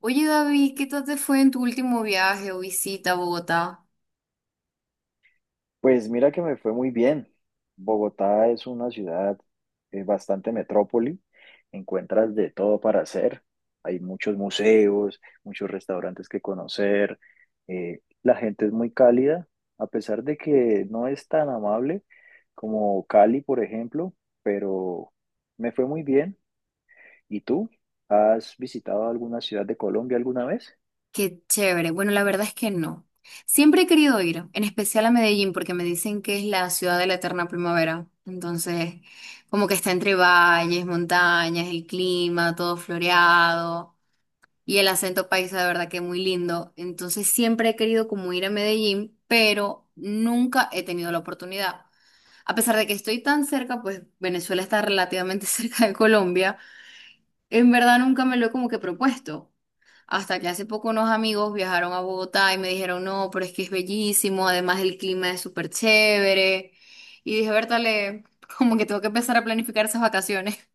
Oye, David, ¿qué tal te fue en tu último viaje o visita a Bogotá? Pues mira que me fue muy bien. Bogotá es una ciudad bastante metrópoli. Encuentras de todo para hacer. Hay muchos museos, muchos restaurantes que conocer. La gente es muy cálida, a pesar de que no es tan amable como Cali, por ejemplo, pero me fue muy bien. ¿Y tú? ¿Has visitado alguna ciudad de Colombia alguna vez? Qué chévere. Bueno, la verdad es que no. Siempre he querido ir, en especial a Medellín, porque me dicen que es la ciudad de la eterna primavera. Entonces, como que está entre valles, montañas, el clima, todo floreado y el acento paisa, de verdad que es muy lindo. Entonces, siempre he querido como ir a Medellín, pero nunca he tenido la oportunidad. A pesar de que estoy tan cerca, pues Venezuela está relativamente cerca de Colombia. En verdad nunca me lo he como que propuesto. Hasta que hace poco unos amigos viajaron a Bogotá y me dijeron, no, pero es que es bellísimo, además el clima es súper chévere. Y dije, Bertale, como que tengo que empezar a planificar esas vacaciones.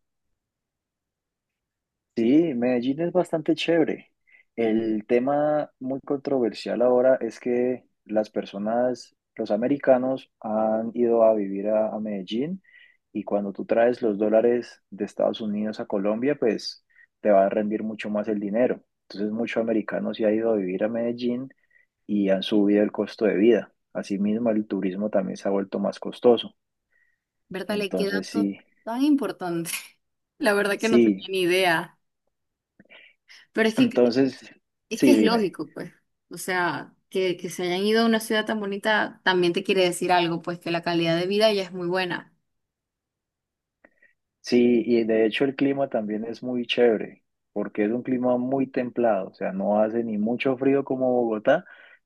Sí, Medellín es bastante chévere. El tema muy controversial ahora es que las personas, los americanos, han ido a vivir a Medellín y cuando tú traes los dólares de Estados Unidos a Colombia, pues te va a rendir mucho más el dinero. Entonces, muchos americanos se han ido a vivir a Medellín y han subido el costo de vida. Asimismo, el turismo también se ha vuelto más costoso. Bertale, qué Entonces, dato sí, tan importante. La verdad que no sí. tenía ni idea. Pero es que Entonces, es que sí, es dime. lógico, pues. O sea, que se hayan ido a una ciudad tan bonita también te quiere decir algo, pues que la calidad de vida ya es muy buena. Sí, y de hecho el clima también es muy chévere, porque es un clima muy templado, o sea, no hace ni mucho frío como Bogotá,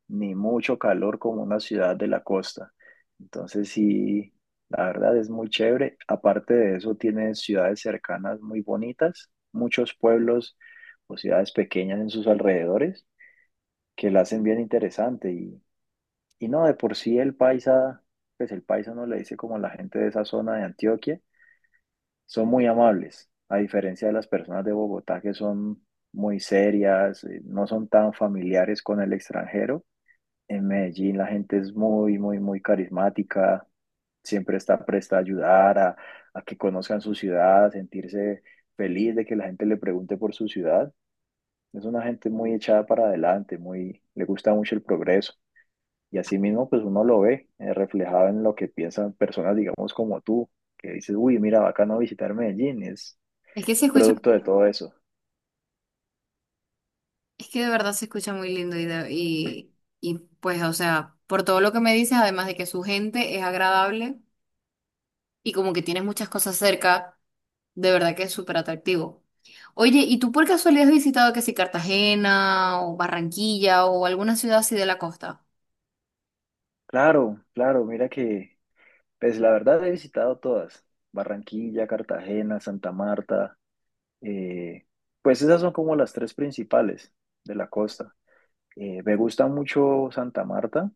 ni mucho calor como una ciudad de la costa. Entonces sí, la verdad es muy chévere. Aparte de eso, tiene ciudades cercanas muy bonitas, muchos pueblos o ciudades pequeñas en sus alrededores que la hacen bien interesante. Y no, de por sí el paisa, pues el paisa no le dice como la gente de esa zona de Antioquia son muy amables, a diferencia de las personas de Bogotá que son muy serias, no son tan familiares con el extranjero. En Medellín la gente es muy, muy, muy carismática, siempre está presta a ayudar, a que conozcan su ciudad, a sentirse feliz de que la gente le pregunte por su ciudad. Es una gente muy echada para adelante, muy, le gusta mucho el progreso. Y así mismo, pues uno lo ve reflejado en lo que piensan personas, digamos, como tú, que dices, uy, mira, bacano visitar Medellín, es, Es que se escucha. producto de todo eso. Es que de verdad se escucha muy lindo y, y pues, o sea, por todo lo que me dices, además de que su gente es agradable y como que tienes muchas cosas cerca, de verdad que es súper atractivo. Oye, ¿y tú por casualidad has visitado que si Cartagena o Barranquilla o alguna ciudad así de la costa? Claro, claro, mira que, pues la verdad he visitado todas, Barranquilla, Cartagena, Santa Marta, eh, pues esas son como las tres principales de la costa. Me gusta mucho Santa Marta,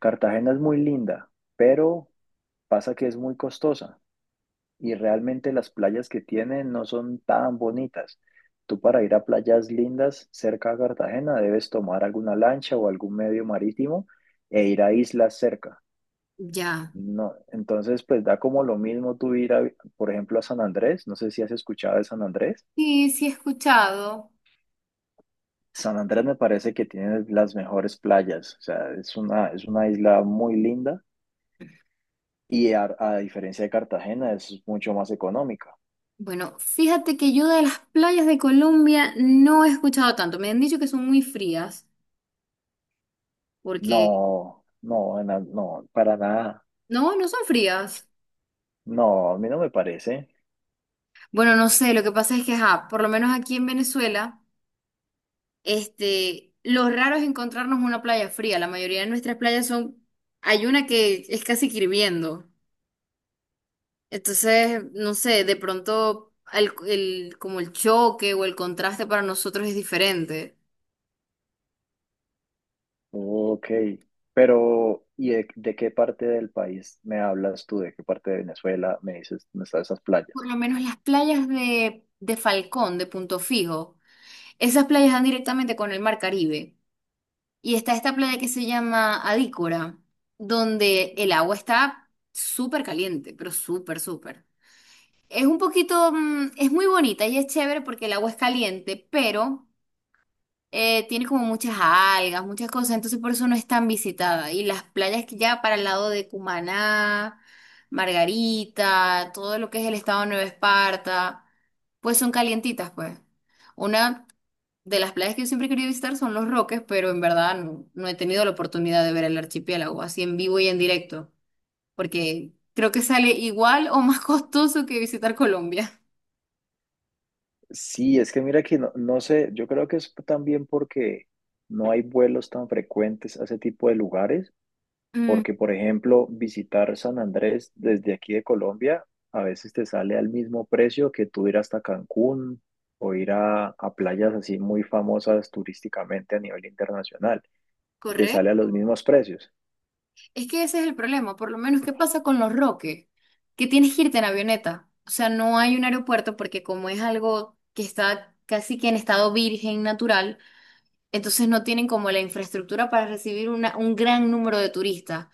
Cartagena es muy linda, pero pasa que es muy costosa y realmente las playas que tiene no son tan bonitas. Tú para ir a playas lindas cerca a Cartagena debes tomar alguna lancha o algún medio marítimo e ir a islas cerca. Ya. No, entonces pues da como lo mismo tú ir a, por ejemplo, a San Andrés, no sé si has escuchado de San Andrés. Sí, sí he escuchado. San Andrés me parece que tiene las mejores playas, o sea, es una isla muy linda y a diferencia de Cartagena es mucho más económica. Bueno, fíjate que yo de las playas de Colombia no he escuchado tanto. Me han dicho que son muy frías, porque No, para nada. no son frías. No, a mí no me parece. Bueno, no sé, lo que pasa es que, ajá, por lo menos aquí en Venezuela, este, lo raro es encontrarnos una playa fría. La mayoría de nuestras playas son, hay una que es casi que hirviendo. Entonces, no sé, de pronto como el choque o el contraste para nosotros es diferente. Ok, pero ¿y de qué parte del país me hablas tú? ¿De qué parte de Venezuela me dices, dónde están esas Por playas? lo menos las playas de Falcón, de Punto Fijo, esas playas dan directamente con el mar Caribe. Y está esta playa que se llama Adícora, donde el agua está súper caliente, pero súper, súper. Es un poquito, es muy bonita y es chévere porque el agua es caliente, pero tiene como muchas algas, muchas cosas, entonces por eso no es tan visitada. Y las playas que ya para el lado de Cumaná, Margarita, todo lo que es el estado de Nueva Esparta, pues son calientitas, pues. Una de las playas que yo siempre he querido visitar son Los Roques, pero en verdad no he tenido la oportunidad de ver el archipiélago así en vivo y en directo, porque creo que sale igual o más costoso que visitar Colombia. Sí, es que mira que no, no sé, yo creo que es también porque no hay vuelos tan frecuentes a ese tipo de lugares, Mm, porque por ejemplo, visitar San Andrés desde aquí de Colombia a veces te sale al mismo precio que tú ir hasta Cancún o ir a playas así muy famosas turísticamente a nivel internacional, y te sale a ¿correcto? los mismos precios. Es que ese es el problema, por lo menos, ¿qué pasa con Los Roques? Que tienes que irte en avioneta, o sea, no hay un aeropuerto porque como es algo que está casi que en estado virgen natural, entonces no tienen como la infraestructura para recibir un gran número de turistas.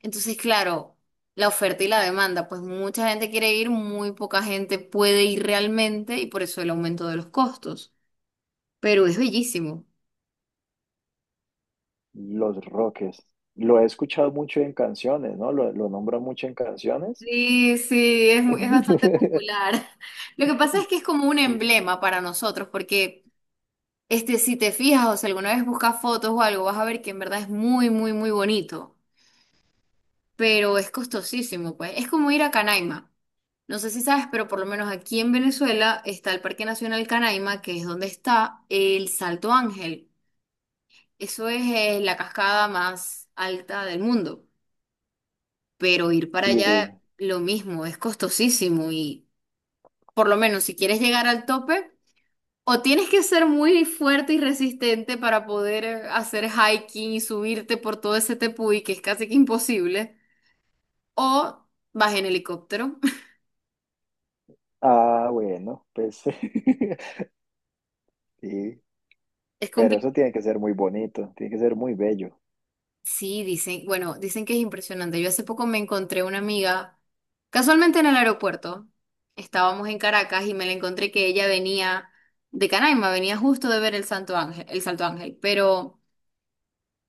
Entonces, claro, la oferta y la demanda, pues mucha gente quiere ir, muy poca gente puede ir realmente y por eso el aumento de los costos. Pero es bellísimo. Los Roques, lo he escuchado mucho en canciones, ¿no? Lo nombran mucho en canciones. Sí, sí, es, es bastante popular. Lo que pasa es que es como un Sí. emblema para nosotros, porque este, si te fijas o si alguna vez buscas fotos o algo, vas a ver que en verdad es muy, muy, muy bonito. Pero es costosísimo, pues. Es como ir a Canaima. No sé si sabes, pero por lo menos aquí en Venezuela está el Parque Nacional Canaima, que es donde está el Salto Ángel. Eso es, la cascada más alta del mundo. Pero ir para Sí, allá, lo mismo, es costosísimo y por lo menos si quieres llegar al tope, o tienes que ser muy fuerte y resistente para poder hacer hiking y subirte por todo ese tepuy, que es casi que imposible, o vas en helicóptero. ah, bueno, pues sí, Es pero eso complicado. tiene que ser muy bonito, tiene que ser muy bello, Sí, dicen, bueno, dicen que es impresionante. Yo hace poco me encontré una amiga, casualmente en el aeropuerto. Estábamos en Caracas y me la encontré que ella venía de Canaima, venía justo de ver el Santo Ángel, el Salto Ángel, pero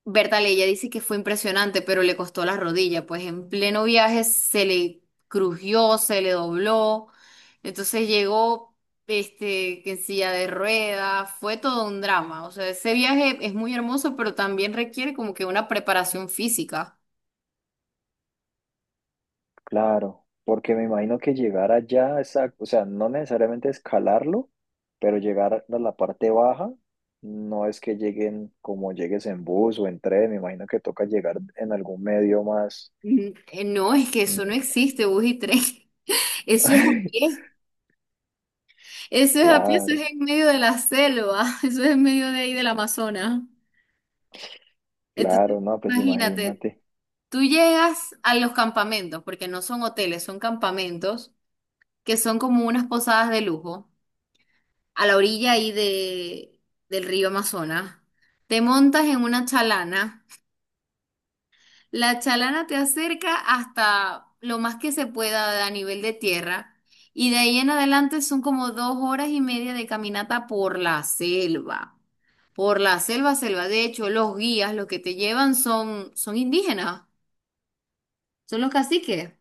Berta ella dice que fue impresionante, pero le costó la rodilla, pues en pleno viaje se le crujió, se le dobló, entonces llegó este, que en silla de ruedas, fue todo un drama, o sea, ese viaje es muy hermoso, pero también requiere como que una preparación física. claro, porque me imagino que llegar allá, esa- o sea, no necesariamente escalarlo, pero llegar a la parte baja, no es que lleguen como llegues en bus o en tren, me imagino que toca llegar en algún medio más. No, es que eso no Mm. existe, bus y tren. Eso es a pie, eso es a pie, eso es Claro, en medio de la selva, eso es en medio de ahí del Amazonas. Entonces, claro, no, pues imagínate. imagínate, Tú llegas a los campamentos, porque no son hoteles, son campamentos, que son como unas posadas de lujo, a la orilla ahí del río Amazonas. Te montas en una chalana. La chalana te acerca hasta lo más que se pueda a nivel de tierra. Y de ahí en adelante son como 2 horas y media de caminata por la selva. Por la selva, selva. De hecho, los guías, los que te llevan son indígenas, son los caciques.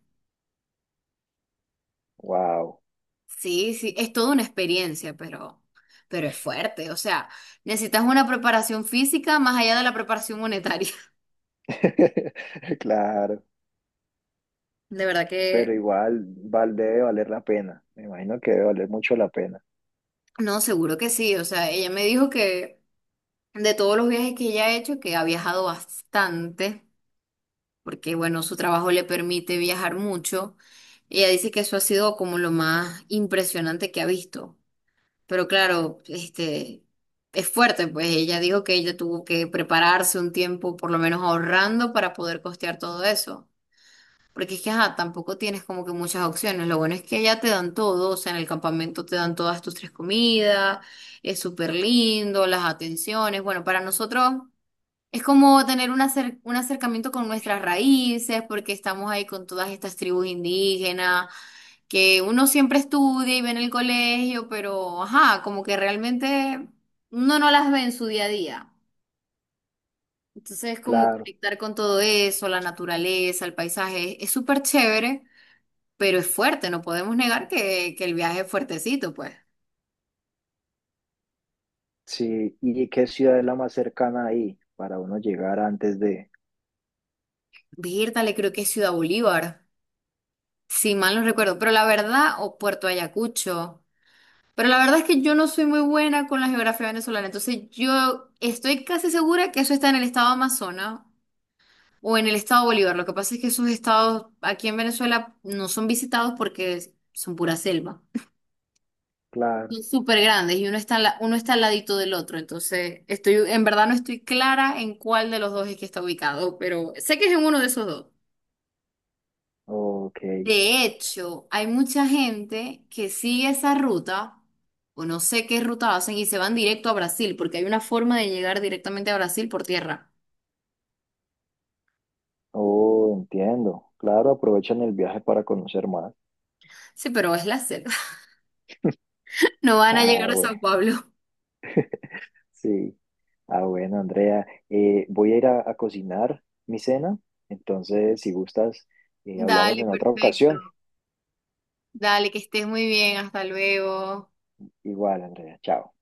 wow. Sí, sí, es toda una experiencia, pero es fuerte. O sea, necesitas una preparación física más allá de la preparación monetaria. Claro, De verdad pero que igual val, debe valer la pena. Me imagino que debe valer mucho la pena. no, seguro que sí. O sea, ella me dijo que de todos los viajes que ella ha hecho, que ha viajado bastante, porque bueno, su trabajo le permite viajar mucho. Ella dice que eso ha sido como lo más impresionante que ha visto. Pero claro, este, es fuerte, pues ella dijo que ella tuvo que prepararse un tiempo, por lo menos ahorrando, para poder costear todo eso. Porque es que, ajá, tampoco tienes como que muchas opciones. Lo bueno es que allá te dan todo, o sea, en el campamento te dan todas tus tres comidas, es súper lindo, las atenciones. Bueno, para nosotros es como tener un, un acercamiento con nuestras raíces, porque estamos ahí con todas estas tribus indígenas que uno siempre estudia y ve en el colegio, pero ajá, como que realmente uno no las ve en su día a día. Entonces, como Claro, conectar con todo eso, la naturaleza, el paisaje, es súper chévere, pero es fuerte, no podemos negar que el viaje es fuertecito, pues. sí. ¿Y qué ciudad es la más cercana ahí para uno llegar antes de? Le creo que es Ciudad Bolívar, si mal no recuerdo, pero la verdad, o Puerto Ayacucho. Pero la verdad es que yo no soy muy buena con la geografía venezolana, entonces yo estoy casi segura que eso está en el estado Amazonas. O en el estado Bolívar. Lo que pasa es que esos estados aquí en Venezuela no son visitados porque son pura selva. Claro, Son súper grandes y uno está, uno está al ladito del otro. Entonces, estoy, en verdad no estoy clara en cuál de los dos es que está ubicado, pero sé que es en uno de esos dos. ok. De hecho, hay mucha gente que sigue esa ruta, o no sé qué ruta hacen, y se van directo a Brasil, porque hay una forma de llegar directamente a Brasil por tierra. Oh, entiendo. Claro, aprovechan el viaje para conocer más. Sí, pero es la selva. No van a Ah, llegar a bueno, Sao Pablo. sí. Ah, bueno, Andrea, voy a ir a cocinar mi cena. Entonces, si gustas, hablamos Dale, en otra perfecto. ocasión. Dale, que estés muy bien, hasta luego. Igual, Andrea, chao.